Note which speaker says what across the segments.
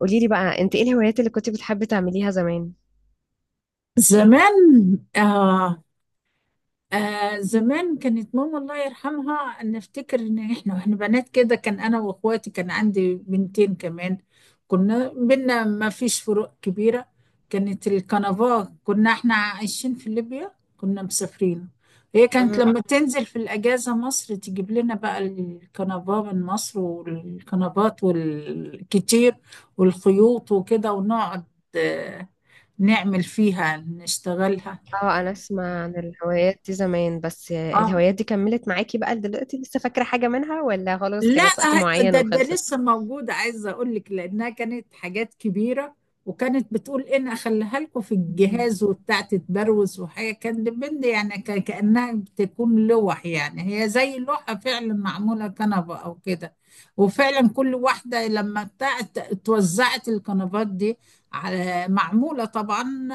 Speaker 1: قولي لي بقى انت ايه الهوايات اللي كنت بتحبي تعمليها زمان؟
Speaker 2: زمان، آه، آه، زمان كانت ماما الله يرحمها، نفتكر ان احنا واحنا بنات كده، كان انا واخواتي، كان عندي بنتين كمان. كنا بينا ما فيش فروق كبيرة. كانت الكنفاه، كنا احنا عايشين في ليبيا، كنا مسافرين. هي كانت لما تنزل في الأجازة مصر تجيب لنا بقى الكنفاه من مصر والكنفات والكتير والخيوط وكده، ونقعد آه، نعمل فيها نشتغلها.
Speaker 1: اه، انا اسمع عن الهوايات دي زمان، بس
Speaker 2: اه،
Speaker 1: الهوايات دي كملت معاكي بقى دلوقتي؟ لسه فاكرة حاجة منها ولا خلاص
Speaker 2: لا،
Speaker 1: كانت وقت معين
Speaker 2: ده
Speaker 1: وخلصت؟
Speaker 2: لسه موجودة. عايزة أقول لك لأنها كانت حاجات كبيرة. وكانت بتقول إن أخليها لكم في
Speaker 1: مم.
Speaker 2: الجهاز وبتاع، تتبروز، وحاجة كان بند يعني كأنها بتكون لوح، يعني هي زي لوحة فعلا معمولة كنبة أو كده. وفعلا كل واحدة لما بتاعت، اتوزعت الكنبات دي على معمولة طبعا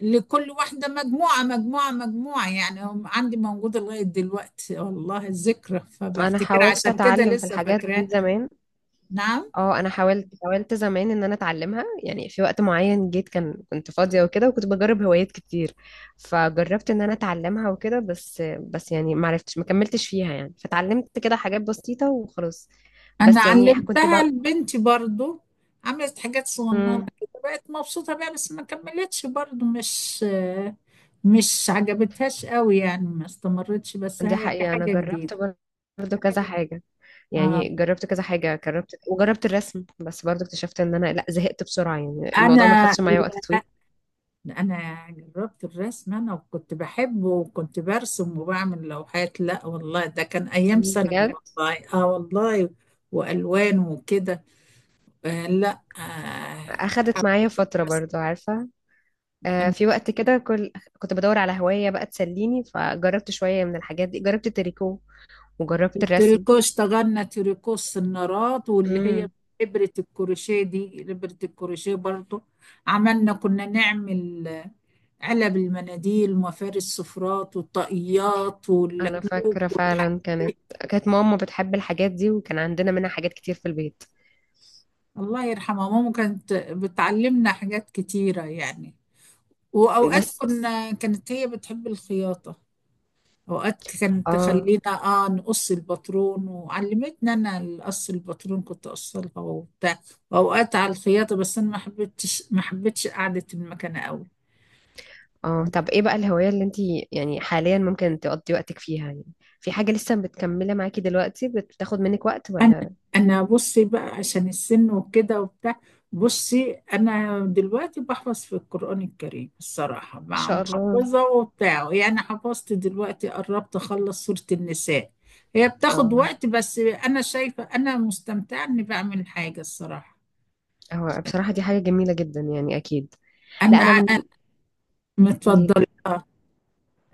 Speaker 2: لكل واحدة، مجموعة مجموعة مجموعة يعني هم، عندي موجودة لغاية دلوقتي والله، الذكرى،
Speaker 1: انا
Speaker 2: فبفتكر
Speaker 1: حاولت
Speaker 2: عشان كده
Speaker 1: اتعلم في
Speaker 2: لسه
Speaker 1: الحاجات دي
Speaker 2: فاكراها.
Speaker 1: زمان.
Speaker 2: نعم.
Speaker 1: اه، انا حاولت زمان ان انا اتعلمها، يعني في وقت معين جيت، كنت فاضية وكده، وكنت بجرب هوايات كتير، فجربت ان انا اتعلمها وكده، بس يعني ما عرفتش ما كملتش فيها، يعني فتعلمت كده حاجات بسيطة وخلاص.
Speaker 2: أنا
Speaker 1: بس يعني كنت
Speaker 2: علمتها لبنتي برضو، عملت حاجات صغننة
Speaker 1: بقى،
Speaker 2: كده، بقت مبسوطة بيها، بس ما كملتش برضو، مش عجبتهاش قوي يعني، ما استمرتش، بس
Speaker 1: دي
Speaker 2: هي
Speaker 1: حقيقة أنا
Speaker 2: كحاجة جديدة.
Speaker 1: جربت برضه كذا حاجة،
Speaker 2: آه.
Speaker 1: يعني جربت كذا حاجة، جربت وجربت الرسم، بس برضه اكتشفت إن أنا لأ، زهقت بسرعة، يعني الموضوع ما
Speaker 2: أنا
Speaker 1: خدش معايا وقت طويل.
Speaker 2: انا جربت الرسم انا، وكنت بحبه وكنت برسم وبعمل لوحات. لا والله، ده كان ايام ثانوي.
Speaker 1: بجد
Speaker 2: والله، اه والله، والوان وكده. آه لا آه،
Speaker 1: أخدت معايا
Speaker 2: حبيت
Speaker 1: فترة
Speaker 2: الرسم
Speaker 1: برضه، عارفة؟
Speaker 2: أنا.
Speaker 1: في وقت كده، كنت بدور على هواية بقى تسليني، فجربت شوية من الحاجات دي، جربت التريكو وجربت الرسم.
Speaker 2: التريكو اشتغلنا تريكو، السنارات واللي هي
Speaker 1: امم،
Speaker 2: ابرة الكروشيه دي، ابرة الكروشيه برضو. كنا نعمل آه، علب المناديل ومفارس السفرات والطاقيات
Speaker 1: أنا
Speaker 2: واللكلوك
Speaker 1: فاكرة
Speaker 2: والحاجات
Speaker 1: فعلا كانت،
Speaker 2: دي.
Speaker 1: كانت ماما بتحب الحاجات دي وكان عندنا منها حاجات كتير في البيت.
Speaker 2: الله يرحمها، ماما كانت بتعلمنا حاجات كتيرة يعني. وأوقات
Speaker 1: بس
Speaker 2: كانت هي بتحب الخياطة. أوقات كانت
Speaker 1: اه.
Speaker 2: تخلينا آه، نقص الباترون، وعلمتنا أنا القص، الباترون كنت أقصلها وبتاع. وأوقات على الخياطة، بس أنا ما حبيتش قعدة المكنة أوي.
Speaker 1: اه، طب ايه بقى الهواية اللي انتي يعني حاليا ممكن تقضي وقتك فيها؟ يعني في حاجة لسه بتكملة معاكي دلوقتي بتاخد منك وقت
Speaker 2: انا
Speaker 1: ولا ان
Speaker 2: انا بصي بقى عشان السن وكده وبتاع. بصي، انا دلوقتي بحفظ في القرآن الكريم الصراحة، مع
Speaker 1: شاء الله؟
Speaker 2: محفظة وبتاع يعني. حفظت دلوقتي، قربت اخلص سورة النساء. هي بتاخد
Speaker 1: اه،
Speaker 2: وقت، بس انا شايفة انا مستمتعة اني بعمل حاجة الصراحة.
Speaker 1: هو بصراحة دي حاجة جميلة جدا، يعني اكيد. لا
Speaker 2: انا
Speaker 1: انا من
Speaker 2: أنا
Speaker 1: قوليلي.
Speaker 2: متفضلة.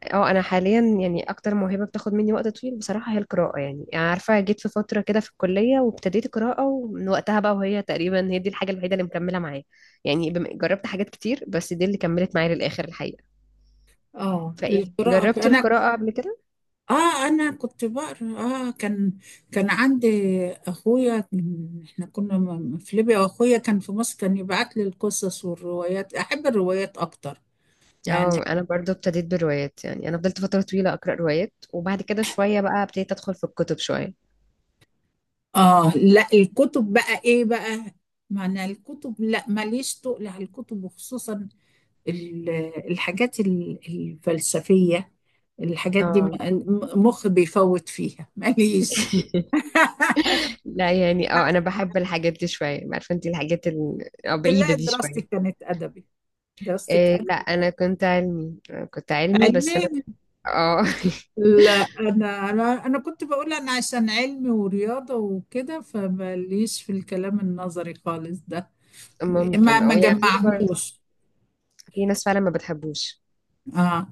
Speaker 1: اه، انا حاليا يعني اكتر موهبة بتاخد مني وقت طويل بصراحة هي القراءة، يعني يعني عارفة، جيت في فترة كده في الكلية وابتديت قراءة، ومن وقتها بقى، وهي تقريبا هي دي الحاجة الوحيدة اللي مكملة معايا. يعني بم- جربت حاجات كتير، بس دي اللي كملت معايا للآخر الحقيقة.
Speaker 2: اه،
Speaker 1: فايه،
Speaker 2: القراءة
Speaker 1: جربتي
Speaker 2: انا.
Speaker 1: القراءة قبل كده؟
Speaker 2: اه، انا كنت بقرا. اه، كان، عندي اخويا، احنا كنا في ليبيا، واخويا كان في مصر، كان يبعت لي القصص والروايات. احب الروايات اكتر يعني.
Speaker 1: اه، انا برضو ابتديت بروايات، يعني انا فضلت فتره طويله اقرا روايات، وبعد كده شويه بقى ابتديت ادخل في الكتب شويه.
Speaker 2: اه، لا، الكتب بقى ايه بقى؟ معنى الكتب، لا ماليش تقل على الكتب، وخصوصا ال- الحاجات الفلسفية. الحاجات دي،
Speaker 1: اه
Speaker 2: مخي بيفوت فيها، ماليش.
Speaker 1: لا، يعني اه، انا بحب الحاجات دي شويه، عارفه انت الحاجات بعيده
Speaker 2: تلاقي
Speaker 1: دي
Speaker 2: دراستي
Speaker 1: شويه.
Speaker 2: كانت ادبي. دراستي.
Speaker 1: إيه لا، انا كنت علمي، كنت علمي، بس
Speaker 2: علمي.
Speaker 1: انا اه.
Speaker 2: لا، انا انا أنا كنت بقول انا عشان علمي ورياضه وكده، فماليش في الكلام النظري خالص ده. ما
Speaker 1: ممكن،
Speaker 2: ما
Speaker 1: اه، يعني في برضو،
Speaker 2: جمعهوش.
Speaker 1: في ناس فعلا ما بتحبوش،
Speaker 2: اه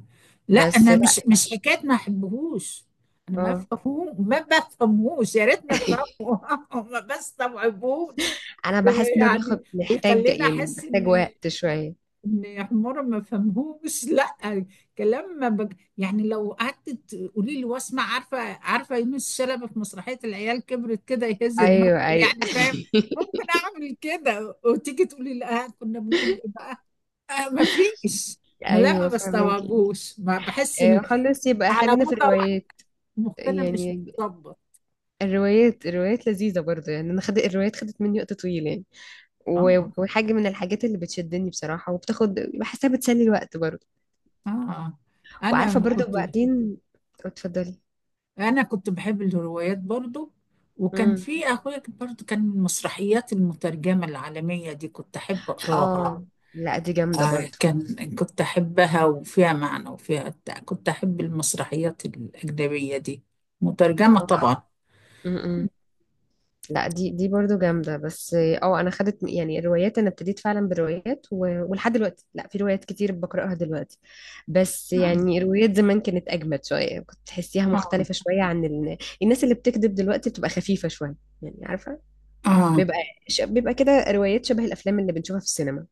Speaker 2: لا،
Speaker 1: بس
Speaker 2: انا
Speaker 1: لا
Speaker 2: مش حكايه ما احبهوش. انا ما
Speaker 1: اه.
Speaker 2: بفهمه، ما بفهموش، يا ريتني افهمه ما بستوعبهوش.
Speaker 1: انا بحس ان هو
Speaker 2: يعني
Speaker 1: بياخد محتاج،
Speaker 2: بيخليني
Speaker 1: يعني
Speaker 2: احس
Speaker 1: محتاج
Speaker 2: ان
Speaker 1: وقت شويه.
Speaker 2: ان يا حمارة ما فهمهوش لا، كلام ما بج... يعني لو قعدت تقولي لي واسمع، عارفه يونس شلبي في مسرحيه العيال كبرت كده يهز دماغه،
Speaker 1: ايوه ايوه.
Speaker 2: يعني فاهم. ممكن اعمل كده، وتيجي تقولي لا، كنا بنقول ايه بقى؟ آه، ما فيش. ما
Speaker 1: ايوه فهمكي.
Speaker 2: بستوعبوش، ما بحس
Speaker 1: آه، خلاص، يبقى
Speaker 2: على
Speaker 1: خلينا في
Speaker 2: مدى واحد،
Speaker 1: الروايات،
Speaker 2: مخنا مش
Speaker 1: يعني
Speaker 2: متظبط.
Speaker 1: الروايات لذيذة برضه، يعني أنا خدت الروايات، خدت مني وقت طويل يعني. و-
Speaker 2: اه،
Speaker 1: وحاجة من الحاجات اللي بتشدني بصراحة وبتاخد، بحسها بتسلي الوقت برضه.
Speaker 2: اه، آه.
Speaker 1: وعارفة
Speaker 2: انا
Speaker 1: برضه
Speaker 2: كنت
Speaker 1: وبعدين اتفضلي.
Speaker 2: انا كنت بحب الروايات برضو. وكان
Speaker 1: امم،
Speaker 2: في اخويا برضو، كان المسرحيات المترجمه العالميه دي كنت احب اقراها.
Speaker 1: اه لا دي جامدة
Speaker 2: آه،
Speaker 1: برضه.
Speaker 2: كنت احبها، وفيها معنى وفيها بتاع. كنت احب المسرحيات الاجنبيه دي، مترجمه آه. طبعا.
Speaker 1: اه، لا دي برضو جامدة، بس اه انا خدت، يعني الروايات انا ابتديت فعلا بروايات، و... ولحد دلوقتي، لا في روايات كتير بقرأها دلوقتي. بس يعني روايات زمان كانت اجمد شوية، كنت تحسيها
Speaker 2: اه،
Speaker 1: مختلفة شوية عن ال... الناس اللي بتكذب دلوقتي بتبقى خفيفة شوية. يعني عارفة،
Speaker 2: اه،
Speaker 1: بيبقى ش... بيبقى كده روايات شبه الافلام اللي بنشوفها في السينما،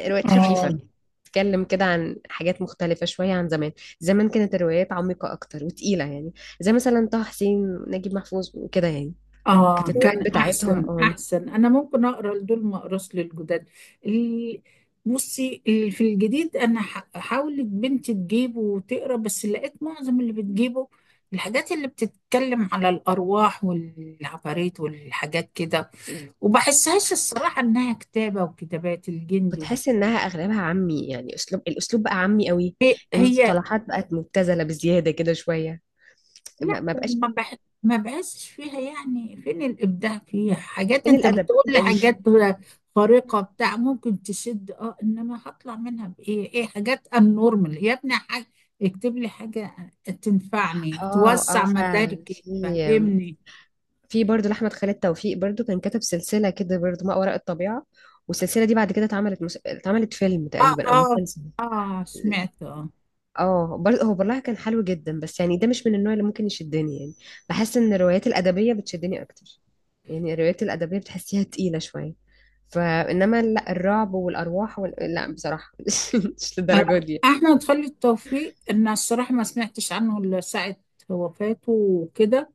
Speaker 1: روايات خفيفة،
Speaker 2: آه.
Speaker 1: بتتكلم كده عن حاجات مختلفة شوية عن زمان. زمان كانت الروايات عميقة أكتر وتقيلة، يعني زي مثلا طه حسين، نجيب محفوظ وكده يعني. كانت
Speaker 2: آه،
Speaker 1: الروايات
Speaker 2: كان،
Speaker 1: بتاعتهم
Speaker 2: أحسن،
Speaker 1: اه.
Speaker 2: أحسن، أنا ممكن أقرأ لدول، ما أقراش للجداد. ال- بصي، في الجديد، أنا حاولت بنتي تجيبه وتقرأ، بس لقيت معظم اللي بتجيبه الحاجات اللي بتتكلم على الأرواح والعفاريت والحاجات كده. وبحسهاش الصراحة إنها كتابة، وكتابات الجندي،
Speaker 1: بتحس انها اغلبها عامي، يعني الاسلوب بقى عامي قوي،
Speaker 2: هي
Speaker 1: المصطلحات بقت مبتذله بزياده كده شويه،
Speaker 2: لا،
Speaker 1: ما بقاش
Speaker 2: ما بحسش فيها، يعني فين الإبداع فيها؟ حاجات
Speaker 1: فين
Speaker 2: انت
Speaker 1: الادب
Speaker 2: بتقول لي
Speaker 1: يعني.
Speaker 2: حاجات خارقة بتاع ممكن تشد، اه، انما هطلع منها بإيه؟ ايه، حاجات النورمال يا ابني. حاجة، اكتب لي حاجة تنفعني،
Speaker 1: اه اه،
Speaker 2: توسع
Speaker 1: فعلا
Speaker 2: مداركي،
Speaker 1: في،
Speaker 2: تفهمني.
Speaker 1: في برضه لاحمد خالد توفيق، برضه كان كتب سلسله كده برضه، ما وراء الطبيعه، والسلسله دي بعد كده اتعملت مس... اتعملت فيلم
Speaker 2: اه،
Speaker 1: تقريبا او
Speaker 2: اه،
Speaker 1: مسلسل.
Speaker 2: اه، سمعت اه،
Speaker 1: اه برضه، هو برلها كان حلو جدا، بس يعني ده مش من النوع اللي ممكن يشدني، يعني بحس ان الروايات الادبيه بتشدني اكتر، يعني الروايات الادبيه بتحسيها تقيله شويه، فانما لا الرعب والارواح وال... لا بصراحه مش للدرجه
Speaker 2: آه،
Speaker 1: دي.
Speaker 2: احمد خالد توفيق ان الصراحه، ما سمعتش عنه الا ساعه وفاته وكده.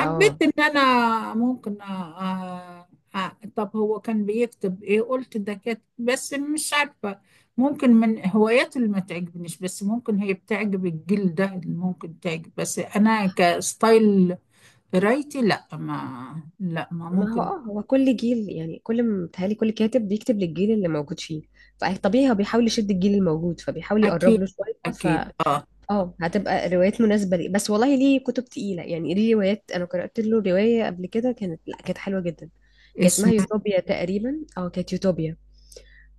Speaker 1: اه
Speaker 2: ان انا ممكن طب هو كان بيكتب ايه؟ قلت ده كاتب بس مش عارفه. ممكن من هواياته اللي ما تعجبنيش، بس ممكن هي بتعجب الجيل ده، اللي ممكن تعجب، بس انا كستايل قرايتي، لا ما
Speaker 1: ما هو،
Speaker 2: ممكن.
Speaker 1: اه هو كل جيل، يعني كل متهيألي كل كاتب بيكتب للجيل اللي موجود فيه، فطبيعي هو بيحاول يشد الجيل الموجود فبيحاول
Speaker 2: اكيد،
Speaker 1: يقرب له شويه.
Speaker 2: اكيد، اه،
Speaker 1: اه، هتبقى روايات مناسبة لي، بس والله ليه كتب تقيلة، يعني ليه روايات، أنا قرأت له رواية قبل كده كانت، لا كانت حلوة جدا. كان اسمها
Speaker 2: اسم.
Speaker 1: يوتوبيا تقريبا، اه كانت يوتوبيا.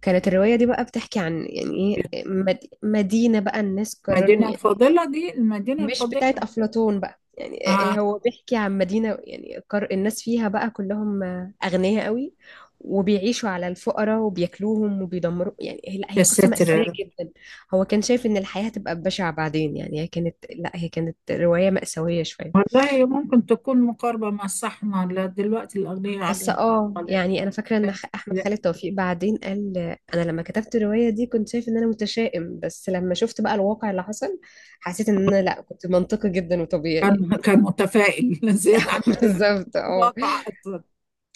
Speaker 1: كانت الرواية دي بقى بتحكي عن يعني ايه، مد- مدينة بقى الناس قرروا،
Speaker 2: المدينه الفاضله دي، المدينه
Speaker 1: مش بتاعت
Speaker 2: الفاضله.
Speaker 1: أفلاطون بقى يعني.
Speaker 2: آه،
Speaker 1: هو بيحكي عن مدينة، يعني القر- الناس فيها بقى كلهم أغنياء قوي، وبيعيشوا على الفقراء وبياكلوهم وبيدمروا، يعني هي- لا هي
Speaker 2: يا
Speaker 1: قصة
Speaker 2: ساتر يا
Speaker 1: مأساوية
Speaker 2: رب.
Speaker 1: جدا. هو كان شايف إن الحياة هتبقى بشعة بعدين، يعني هي كانت، لا هي كانت رواية مأساوية شوية.
Speaker 2: والله ممكن تكون مقاربة مع الصحنة، لا دلوقتي الأغنياء
Speaker 1: بس
Speaker 2: عدنا.
Speaker 1: اه
Speaker 2: ولا،
Speaker 1: يعني انا فاكره ان
Speaker 2: لا،
Speaker 1: خ- احمد
Speaker 2: لا،
Speaker 1: خالد توفيق بعدين قال انا لما كتبت الروايه دي كنت شايف ان انا متشائم، بس لما شفت بقى الواقع اللي حصل حسيت ان انا، لا كنت منطقي جدا وطبيعي.
Speaker 2: كان متفائل زيادة عن اللزوم
Speaker 1: بالظبط
Speaker 2: في
Speaker 1: اه.
Speaker 2: الواقع أصلا.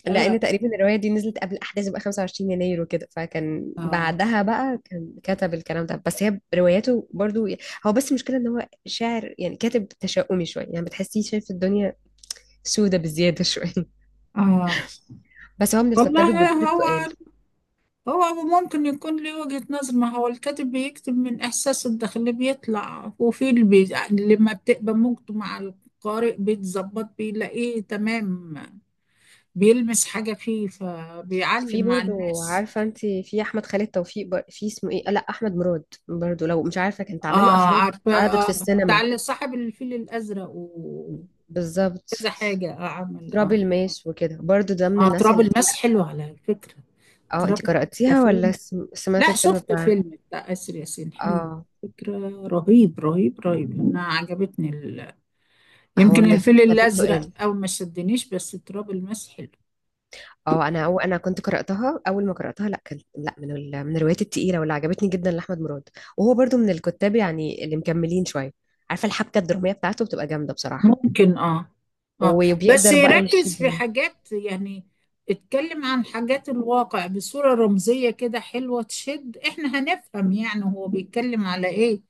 Speaker 2: آه،
Speaker 1: لان تقريبا الروايه دي نزلت قبل احداث بقى 25 يناير وكده، فكان
Speaker 2: آه،
Speaker 1: بعدها بقى كان كتب الكلام ده، بس هي رواياته برضو. هو بس المشكله ان هو شاعر يعني كاتب تشاؤمي شويه، يعني بتحسيه شايف الدنيا سودة بزياده شويه
Speaker 2: آه.
Speaker 1: بس هو من الكتاب
Speaker 2: والله،
Speaker 1: الجدد
Speaker 2: هو
Speaker 1: التقال.
Speaker 2: هو ممكن يكون له وجهة نظر. ما هو الكاتب بيكتب من إحساسه الداخلي، بيطلع وفي اللي لما بتبقى موجته مع القارئ بيتظبط، بيلاقيه تمام، بيلمس حاجة فيه، فبيعلم
Speaker 1: في
Speaker 2: مع
Speaker 1: برضو،
Speaker 2: الناس.
Speaker 1: عارفه انت، في احمد خالد توفيق بر- في اسمه ايه، لا احمد مراد برضو لو مش عارفه، كانت عمل له
Speaker 2: اه،
Speaker 1: افلام
Speaker 2: عارفة،
Speaker 1: اتعرضت في
Speaker 2: اه، بتاع
Speaker 1: السينما.
Speaker 2: اللي صاحب الفيل الأزرق وكذا
Speaker 1: بالظبط.
Speaker 2: حاجة، اه، عمل،
Speaker 1: تراب
Speaker 2: اه،
Speaker 1: الماس وكده برضو، ده من
Speaker 2: اه.
Speaker 1: الناس
Speaker 2: تراب
Speaker 1: اللي
Speaker 2: الماس حلو على فكرة.
Speaker 1: اه
Speaker 2: تراب
Speaker 1: انت
Speaker 2: الماس
Speaker 1: قرأتيها
Speaker 2: كفيلم،
Speaker 1: ولا سم- سمعت
Speaker 2: لا،
Speaker 1: الفيلم
Speaker 2: شفت
Speaker 1: بتاعها؟
Speaker 2: فيلم بتاع آسر ياسين، حلو
Speaker 1: اه،
Speaker 2: فكرة. رهيب رهيب رهيب، أنا عجبتني
Speaker 1: هو
Speaker 2: يمكن
Speaker 1: من
Speaker 2: الفيل
Speaker 1: الكتاب التقال،
Speaker 2: الأزرق أو ما شدنيش، بس تراب الماس حلو.
Speaker 1: اه انا، أو انا كنت قراتها اول ما قراتها، لا كان، لا من ال... من الروايات التقيله واللي عجبتني جدا لاحمد مراد، وهو برضو من الكتاب يعني اللي مكملين شويه، عارفه الحبكه الدراميه بتاعته بتبقى جامده بصراحه،
Speaker 2: ممكن، اه، اه. بس
Speaker 1: وبيقدر بقى
Speaker 2: يركز في
Speaker 1: يشدني.
Speaker 2: حاجات يعني، اتكلم عن حاجات الواقع بصورة رمزية كده حلوة تشد، احنا هنفهم يعني هو بيتكلم على ايه.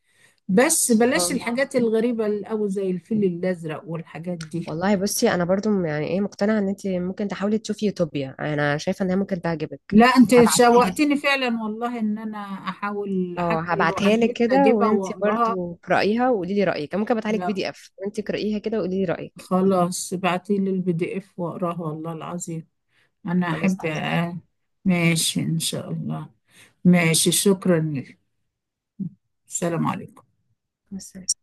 Speaker 2: بس بلاش
Speaker 1: اه،
Speaker 2: الحاجات الغريبة أوي زي الفيل الأزرق والحاجات دي.
Speaker 1: والله بصي انا برضو، يعني ايه، مقتنعه ان انت ممكن تحاولي تشوفي يوتوبيا، انا شايفه انها ممكن تعجبك.
Speaker 2: لا، انت
Speaker 1: هبعتها لك،
Speaker 2: شوقتني فعلا والله، ان انا احاول
Speaker 1: اه
Speaker 2: حتى لو على
Speaker 1: هبعتها لك
Speaker 2: النت
Speaker 1: كده،
Speaker 2: اجيبها
Speaker 1: وانت
Speaker 2: واقراها.
Speaker 1: برضو اقرايها وقولي لي رايك. أنا ممكن ابعتها لك بي
Speaker 2: لا
Speaker 1: دي اف وانت اقرايها كده وقولي لي رايك.
Speaker 2: خلاص، ابعتيلي البي دي اف واقراها والله العظيم. أنا
Speaker 1: خلاص
Speaker 2: أحب
Speaker 1: تمام،
Speaker 2: آه، ماشي إن شاء الله. ماشي، شكرا لك. السلام عليكم.
Speaker 1: بس.